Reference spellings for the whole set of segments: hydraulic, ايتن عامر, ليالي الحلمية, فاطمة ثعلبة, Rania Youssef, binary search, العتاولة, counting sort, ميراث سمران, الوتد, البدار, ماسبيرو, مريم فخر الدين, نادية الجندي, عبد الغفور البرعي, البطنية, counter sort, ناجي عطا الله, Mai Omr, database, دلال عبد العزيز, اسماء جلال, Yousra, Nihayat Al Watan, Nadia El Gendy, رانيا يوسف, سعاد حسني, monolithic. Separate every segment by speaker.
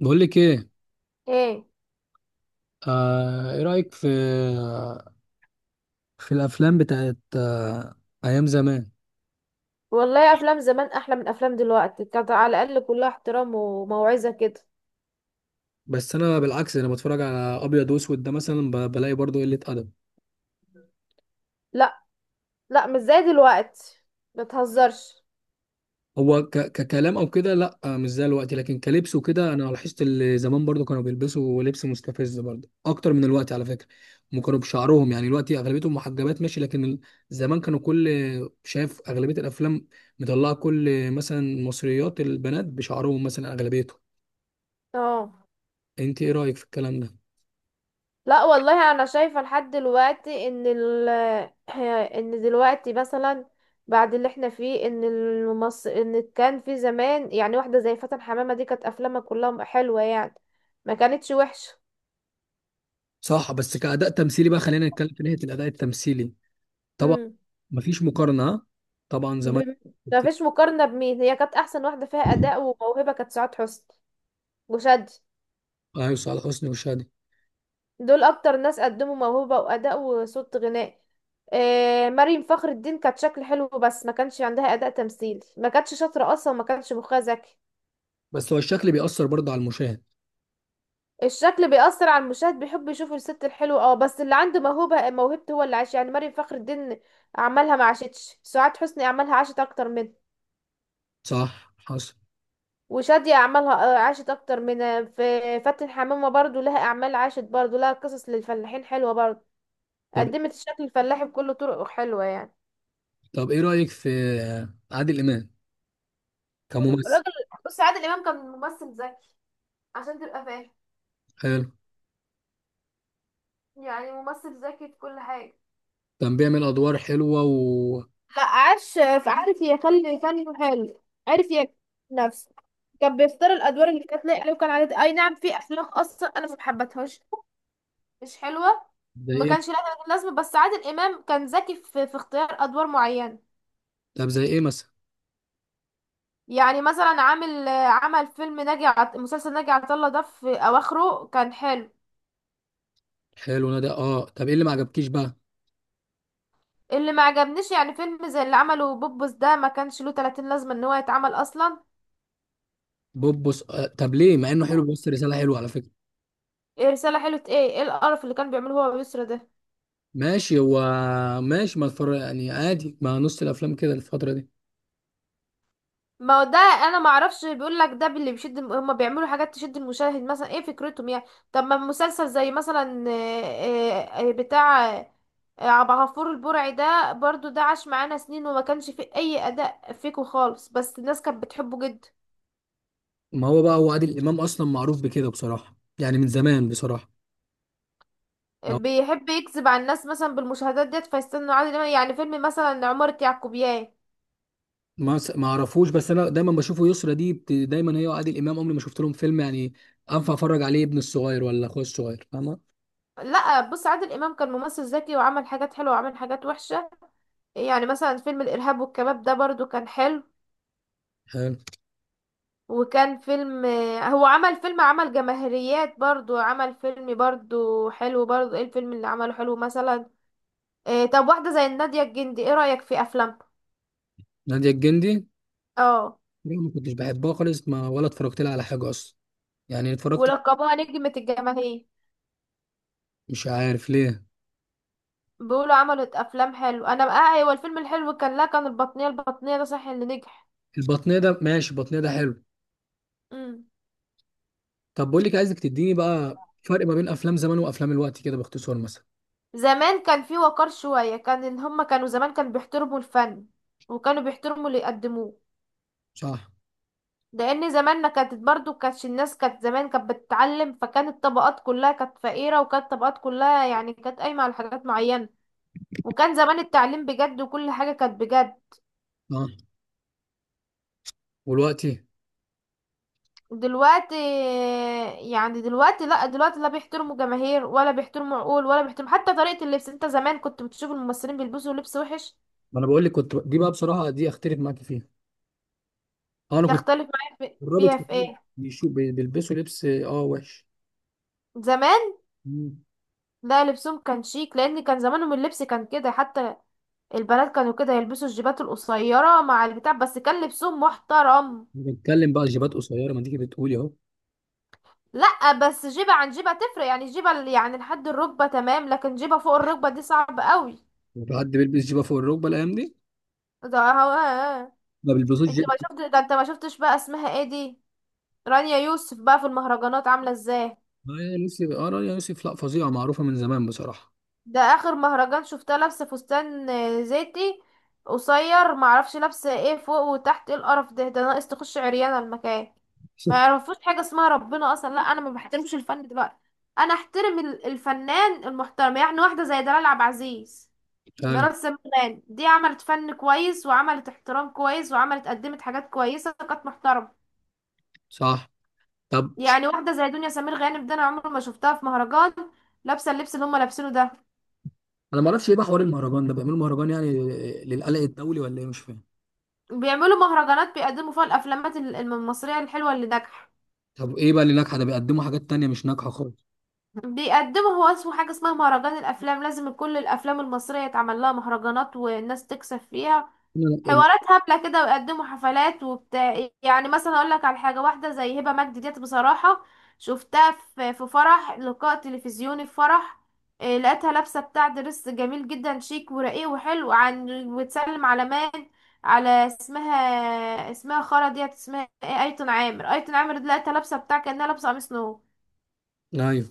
Speaker 1: بقول لك ايه.
Speaker 2: ايه.
Speaker 1: ايه رايك في الافلام بتاعت ايام زمان؟
Speaker 2: والله افلام زمان احلى من افلام دلوقتي، كانت على الاقل كلها احترام وموعظة كده.
Speaker 1: بس انا بالعكس، انا بتفرج على ابيض واسود ده مثلا، بلاقي برضو قله ادب.
Speaker 2: لا، لا، مش زي دلوقتي، بتهزرش.
Speaker 1: هو ك ككلام او كده لا مش زي الوقت، لكن كلبس وكده انا لاحظت اللي زمان برضو كانوا بيلبسوا لبس مستفز برضو اكتر من الوقت على فكره. هم كانوا بشعرهم، يعني الوقت اغلبيتهم محجبات ماشي، لكن زمان كانوا كل شايف اغلبيه الافلام مطلعه كل مثلا مصريات البنات بشعرهم مثلا اغلبيتهم.
Speaker 2: اه،
Speaker 1: انت ايه رايك في الكلام ده؟
Speaker 2: لا والله انا شايفة لحد دلوقتي ان ال ان دلوقتي مثلا بعد اللي احنا فيه ان كان في زمان، يعني واحدة زي فاتن حمامة دي كانت افلامها كلها حلوة يعني، ما كانتش وحشة.
Speaker 1: صح، بس كأداء تمثيلي بقى خلينا نتكلم في ناحية الأداء التمثيلي. طبعا.
Speaker 2: امم
Speaker 1: مفيش مقارنة، ها؟ طبعا زمان.
Speaker 2: ب... ما فيش مقارنة، بمين؟ هي كانت احسن واحدة فيها اداء وموهبة كانت سعاد حسني وشادي.
Speaker 1: ايوه صالح حسني وشادي.
Speaker 2: دول اكتر ناس قدموا موهبة واداء وصوت غناء. مريم فخر الدين كانت شكل حلو، بس ما كانش عندها اداء تمثيلي، ما كانتش شاطرة اصلا وما كانش مخها ذكي.
Speaker 1: بس هو الشكل بيأثر برضه على المشاهد.
Speaker 2: الشكل بيأثر على المشاهد، بيحب يشوف الست الحلوة، اه، بس اللي عنده موهبة موهبته هو اللي عاش. يعني مريم فخر الدين اعمالها ما عاشتش، سعاد حسني اعمالها عاشت اكتر منه،
Speaker 1: صح حصل.
Speaker 2: وشادية اعمالها عاشت اكتر منها. في فاتن حمامة برضو لها اعمال عاشت، برضو لها قصص للفلاحين حلوة برضو،
Speaker 1: طب
Speaker 2: قدمت الشكل الفلاحي بكل طرق حلوة يعني.
Speaker 1: طب ايه رأيك في عادل إمام كممثل؟
Speaker 2: الراجل، بص، عادل امام كان ممثل ذكي، عشان تبقى فاهم،
Speaker 1: حلو.
Speaker 2: يعني ممثل ذكي في كل حاجه.
Speaker 1: كان بيعمل ادوار حلوة و
Speaker 2: لا، عاش، عارف يخلي فنه حلو، عارف يكتب نفسه. كان بيختار الادوار اللي كانت لايقه عليه، وكان عليه اي نعم في افلام اصلا انا ما حبيتهاش، مش حلوه،
Speaker 1: زي
Speaker 2: ما
Speaker 1: ايه؟
Speaker 2: كانش لها لازمه. بس عادل امام كان ذكي في اختيار ادوار معينه.
Speaker 1: طب زي ايه مثلا؟
Speaker 2: يعني مثلا عمل فيلم مسلسل ناجي عطا الله، ده في اواخره كان حلو.
Speaker 1: حلو نادي اه، طب ايه اللي ما عجبكيش بقى؟
Speaker 2: اللي ما عجبنيش، يعني فيلم زي اللي عمله بوبس، ده ما كانش له 30 لازمه ان هو يتعمل اصلا.
Speaker 1: بوبوس آه. طب ليه؟ مع انه حلو بيوصل رسالة حلوة على فكرة.
Speaker 2: إيه رساله حلوه؟ ايه القرف اللي كان بيعمله هو ويسرا ده!
Speaker 1: ماشي هو، ماشي ما اتفرج يعني عادي مع نص الافلام كده الفترة دي.
Speaker 2: ما هو ده انا ما اعرفش، بيقول لك ده اللي بيشد هما بيعملوا حاجات تشد المشاهد، مثلا ايه فكرتهم يعني؟ طب ما مسلسل زي مثلا بتاع عبد الغفور البرعي ده، برضو ده عاش معانا سنين وما كانش فيه اي اداء فيكو خالص، بس الناس كانت بتحبه جدا.
Speaker 1: ما هو بقى هو عادل امام اصلا معروف بكده بصراحه، يعني من زمان بصراحه. ما
Speaker 2: بيحب يكذب على الناس مثلا بالمشاهدات ديت، فيستنوا عادل امام، يعني فيلم مثلا عمارة يعقوبيان.
Speaker 1: ما اعرفوش، بس انا دايما بشوفه يسرا دي دايما هي وعادل امام عمري ما شفت لهم فيلم، يعني انفع اتفرج عليه ابن الصغير ولا اخويا الصغير، فاهمه؟
Speaker 2: لا، بص عادل امام كان ممثل ذكي، وعمل حاجات حلوه وعمل حاجات وحشه. يعني مثلا فيلم الارهاب والكباب ده برضو كان حلو،
Speaker 1: حلو.
Speaker 2: وكان فيلم، هو عمل فيلم، عمل جماهيريات برضو، عمل فيلم برضو حلو، برضو ايه الفيلم اللي عمله حلو مثلا؟ إيه، طب واحده زي نادية الجندي، ايه رايك في افلام؟
Speaker 1: ناديه الجندي
Speaker 2: اه،
Speaker 1: دي ما كنتش بحبها خالص، ما ولا اتفرجت لها على حاجه اصلا. يعني اتفرجت.
Speaker 2: ولقبوها نجمة الجماهير.
Speaker 1: مش عارف ليه.
Speaker 2: بيقولوا عملت افلام حلو. انا بقى ايوه الفيلم الحلو كان، لا كان البطنية، البطنية ده صح اللي نجح.
Speaker 1: البطنيه ده ماشي، البطنيه ده حلو.
Speaker 2: مم.
Speaker 1: طب بقول لك، عايزك تديني بقى فرق ما بين افلام زمان وافلام الوقت كده باختصار مثلا.
Speaker 2: زمان كان في وقار شوية، كان ان هما كانوا زمان، كانوا بيحترموا الفن وكانوا بيحترموا اللي يقدموه.
Speaker 1: صح.
Speaker 2: لان زماننا كانت برضو، كانتش الناس كانت زمان كانت بتتعلم، فكانت الطبقات كلها كانت فقيرة، وكانت الطبقات كلها يعني كانت قايمة على حاجات معينة. وكان زمان التعليم بجد وكل حاجة كانت بجد.
Speaker 1: اه والوقت؟
Speaker 2: دلوقتي، يعني دلوقتي لا، دلوقتي لا بيحترموا جماهير ولا بيحترموا عقول، ولا بيحترموا حتى طريقة اللبس. انت زمان كنت بتشوف الممثلين بيلبسوا لبس وحش؟
Speaker 1: ما انا بقول لك كنت، دي بقى بصراحه دي اختلف معاك فيها. اه انا كنت
Speaker 2: تختلف معايا
Speaker 1: الرابط
Speaker 2: فيها في
Speaker 1: فطول
Speaker 2: ايه؟
Speaker 1: بيشوف بيلبسوا لبس اه وحش.
Speaker 2: زمان
Speaker 1: مم.
Speaker 2: لا، لبسهم كان شيك، لان كان زمانهم اللبس كان كده، حتى البنات كانوا كده يلبسوا الجيبات القصيره مع البتاع، بس كان لبسهم محترم.
Speaker 1: أنا بتكلم بقى جيبات قصيره، ما تيجي بتقولي اهو.
Speaker 2: لا بس جيبه عن جيبه تفرق، يعني جيبه يعني لحد الركبه تمام، لكن جيبه فوق الركبه دي صعب قوي.
Speaker 1: في حد بيلبس جيبه فوق الركبه الايام دي؟
Speaker 2: ده هو،
Speaker 1: ما بيلبسوش
Speaker 2: انت ما
Speaker 1: جيبه.
Speaker 2: شفت؟ ده انت ما شفتش بقى اسمها ايه دي، رانيا يوسف، بقى في المهرجانات عامله ازاي.
Speaker 1: آه يا يوسف، اه رانيا يوسف، لا فظيعه معروفه من زمان بصراحه.
Speaker 2: ده اخر مهرجان شفتها لابسه فستان زيتي قصير، معرفش لابسه ايه فوق وتحت. ايه القرف ده ناقص تخش عريانه المكان. ما يعرفوش حاجه اسمها ربنا اصلا. لا انا ما بحترمش الفن دلوقتي، انا احترم الفنان المحترم، يعني واحده زي دلال عبد العزيز،
Speaker 1: فعلا.
Speaker 2: ميراث سمران، دي عملت فن كويس وعملت احترام كويس، وعملت، قدمت حاجات كويسه، كانت محترمه.
Speaker 1: صح. طب
Speaker 2: يعني واحده زي دنيا سمير غانم ده، انا عمري ما شفتها في مهرجان لابسه اللبس اللي هم لابسينه ده.
Speaker 1: انا ما اعرفش ايه بقى حوار المهرجان ده؟ بيعملوا مهرجان، يعني للقلق الدولي ولا ايه؟ مش فاهم.
Speaker 2: بيعملوا مهرجانات بيقدموا فيها الافلامات المصريه الحلوه اللي ناجحه.
Speaker 1: طب ايه بقى اللي ناجحه ده؟ بيقدموا حاجات تانية مش ناجحه خالص.
Speaker 2: بيقدموا، هو اسمه حاجه اسمها مهرجان الافلام، لازم كل الافلام المصريه يتعمل لها مهرجانات والناس تكسب فيها،
Speaker 1: لا، لا،
Speaker 2: حوارات هبلة كده، ويقدموا حفلات وبتاع. يعني مثلا اقول لك على حاجة، واحدة زي هبة مجدي ديت بصراحة شفتها في فرح، لقاء تلفزيوني في فرح. إيه، لقيتها لابسة بتاع درس جميل جدا، شيك ورقيق وحلو، عن وتسلم على مان، على اسمها، اسمها خالة ديت اسمها ايه، ايتن عامر، ايتن عامر دي لقيتها لابسة بتاع كأنها لابسة قميص نو.
Speaker 1: لا. ايوه.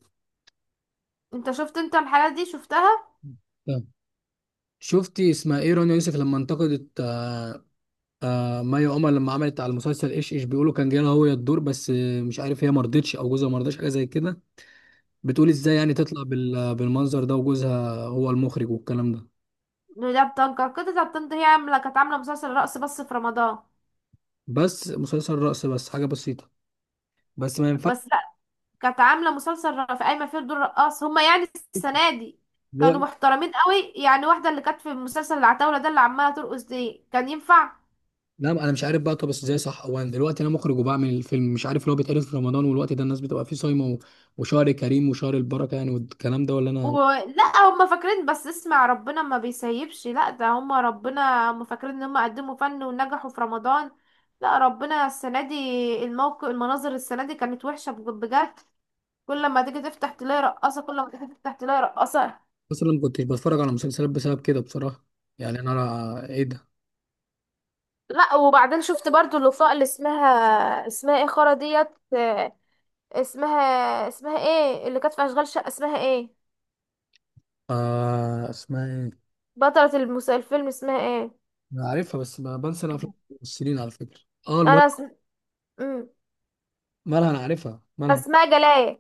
Speaker 2: انت شفت؟ انت الحالات دي شفتها؟
Speaker 1: طب شفتي اسمها ايه رانيا يوسف لما انتقدت آه مي عمر لما عملت على المسلسل ايش ايش بيقولوا كان جاي لها هو الدور، بس مش عارف هي ما رضتش او جوزها ما رضاش حاجه زي كده. بتقول ازاي يعني تطلع بالمنظر ده وجوزها هو المخرج والكلام ده؟
Speaker 2: ده بتنكر كده، ده بتنكر، هي عاملة، كانت عاملة مسلسل رقص بس في رمضان،
Speaker 1: بس مسلسل رقص بس، حاجه بسيطه، بس ما ينفعش.
Speaker 2: بس كانت عامله مسلسل في قايمه فيه دور رقاص. هما يعني السنه دي كانوا
Speaker 1: دلوقتي
Speaker 2: محترمين قوي، يعني واحده اللي كانت في مسلسل العتاوله ده اللي عماله ترقص دي، كان ينفع؟
Speaker 1: لا، انا مش عارف بقى. طب بس ازاي؟ صح هو انا دلوقتي انا مخرج وبعمل الفيلم، مش عارف لو بيتعرض في رمضان والوقت ده الناس بتبقى فيه صايمه و وشهر كريم وشهر البركه، يعني والكلام ده ولا انا؟
Speaker 2: ولا هما فاكرين؟ بس اسمع، ربنا ما بيسيبش. لا ده هما، ربنا، هما فاكرين ان هما قدموا فن ونجحوا في رمضان؟ لا، ربنا السنه دي الموقف، المناظر السنه دي كانت وحشه بجد. كل ما تيجي تفتح تلاقي رقاصه، كل ما تيجي تفتح تلاقي رقاصه.
Speaker 1: اصلا ما كنتش بتفرج على مسلسلات بسبب كده بصراحه، يعني انا ايه ده.
Speaker 2: لا وبعدين شفت برضو الوفاء، اللي اسمها ايه، خرا ديت، اسمها اسمها ايه اللي كانت في اشغال شقه، اسمها ايه؟
Speaker 1: آه اسمها ايه.
Speaker 2: بطلة الفيلم اسمها ايه؟
Speaker 1: انا عارفها بس ما بنسى انا افلام الممثلين على فكره. اه المهم.
Speaker 2: انا مم.
Speaker 1: مالها انا عارفها، مالها؟
Speaker 2: اسماء جلال.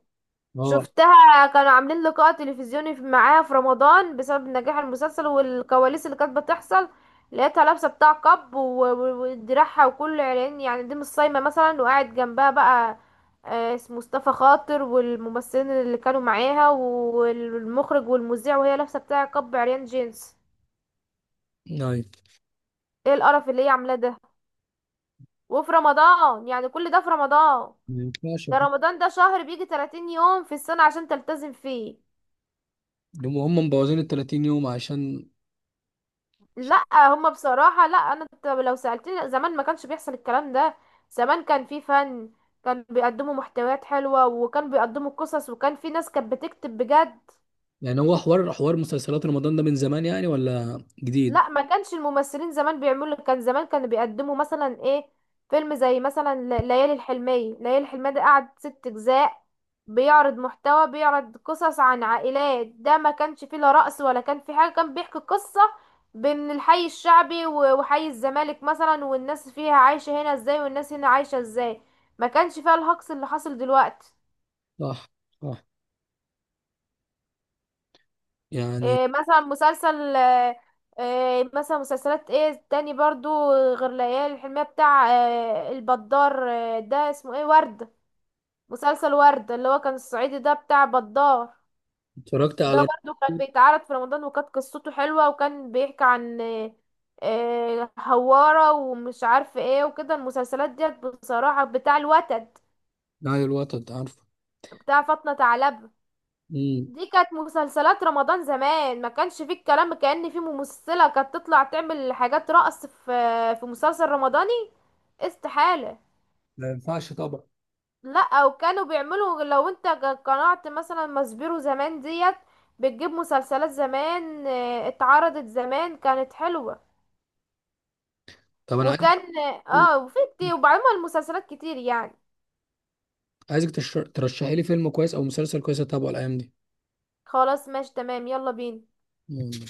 Speaker 1: اه.
Speaker 2: شفتها كانوا عاملين لقاء تلفزيوني معاها في رمضان بسبب نجاح المسلسل والكواليس اللي كانت بتحصل، لقيتها لابسه بتاع كاب ودراعها وكل عريان، يعني دي مش صايمه مثلا، وقاعد جنبها بقى اسمه مصطفى خاطر والممثلين اللي كانوا معاها والمخرج والمذيع، وهي لابسه بتاع كاب عريان جينز.
Speaker 1: يعني
Speaker 2: ايه القرف اللي هي عاملاه ده؟ وفي رمضان، يعني كل ده في رمضان!
Speaker 1: ما ينفعش
Speaker 2: ده
Speaker 1: هم.
Speaker 2: رمضان ده شهر بيجي 30 يوم في السنة عشان تلتزم فيه.
Speaker 1: هم مبوظين ال 30 يوم عشان.
Speaker 2: لا هما بصراحة، لا انا لو سألتني، لا، زمان ما كانش بيحصل الكلام ده. زمان كان في فن، كان بيقدموا محتويات حلوة وكان بيقدموا قصص، وكان في ناس كانت بتكتب بجد.
Speaker 1: يعني هو حوار، حوار مسلسلات رمضان ده من زمان يعني ولا جديد؟
Speaker 2: لا ما كانش الممثلين زمان بيعملوا، كان زمان كانوا بيقدموا مثلا ايه، فيلم زي مثلا ليالي الحلمية، ليالي الحلمية ده قعد ست اجزاء، بيعرض محتوى، بيعرض قصص عن عائلات. ده ما كانش فيه لا رقص ولا كان فيه حاجة، كان بيحكي قصة بين الحي الشعبي وحي الزمالك مثلا، والناس فيها عايشة هنا ازاي والناس هنا عايشة ازاي. ما كانش فيها الهجص اللي حاصل دلوقتي.
Speaker 1: صح. صح. يعني
Speaker 2: إيه مثلا مسلسل إيه مثلا مسلسلات ايه تاني برضو غير ليالي الحلمية؟ بتاع البدار، ده اسمه ايه، ورد، مسلسل ورد اللي هو كان الصعيدي ده بتاع بدار.
Speaker 1: اتفرجت
Speaker 2: ده
Speaker 1: على
Speaker 2: برضو كان بيتعرض في رمضان، وكانت قصته حلوة، وكان بيحكي عن هوارة ومش عارف ايه وكده. المسلسلات ديت بصراحة، بتاع الوتد،
Speaker 1: نهاية الوطن، عارفه.
Speaker 2: بتاع فاطمة ثعلبة،
Speaker 1: امم.
Speaker 2: دي كانت مسلسلات رمضان زمان. ما كانش فيه الكلام كأن فيه ممثلة كانت تطلع تعمل حاجات رقص في مسلسل رمضاني، استحالة.
Speaker 1: ما ينفعش طبعا.
Speaker 2: لا وكانوا بيعملوا، لو انت قنعت مثلا ماسبيرو زمان ديت، بتجيب مسلسلات زمان اتعرضت زمان كانت حلوة،
Speaker 1: طب انا عايز،
Speaker 2: وكان اه وفي كتير، وبعدين المسلسلات كتير يعني.
Speaker 1: عايزك ترشحي لي فيلم كويس او مسلسل كويس اتابعه الايام دي.
Speaker 2: خلاص، ماشي تمام، يلا بينا.
Speaker 1: مم.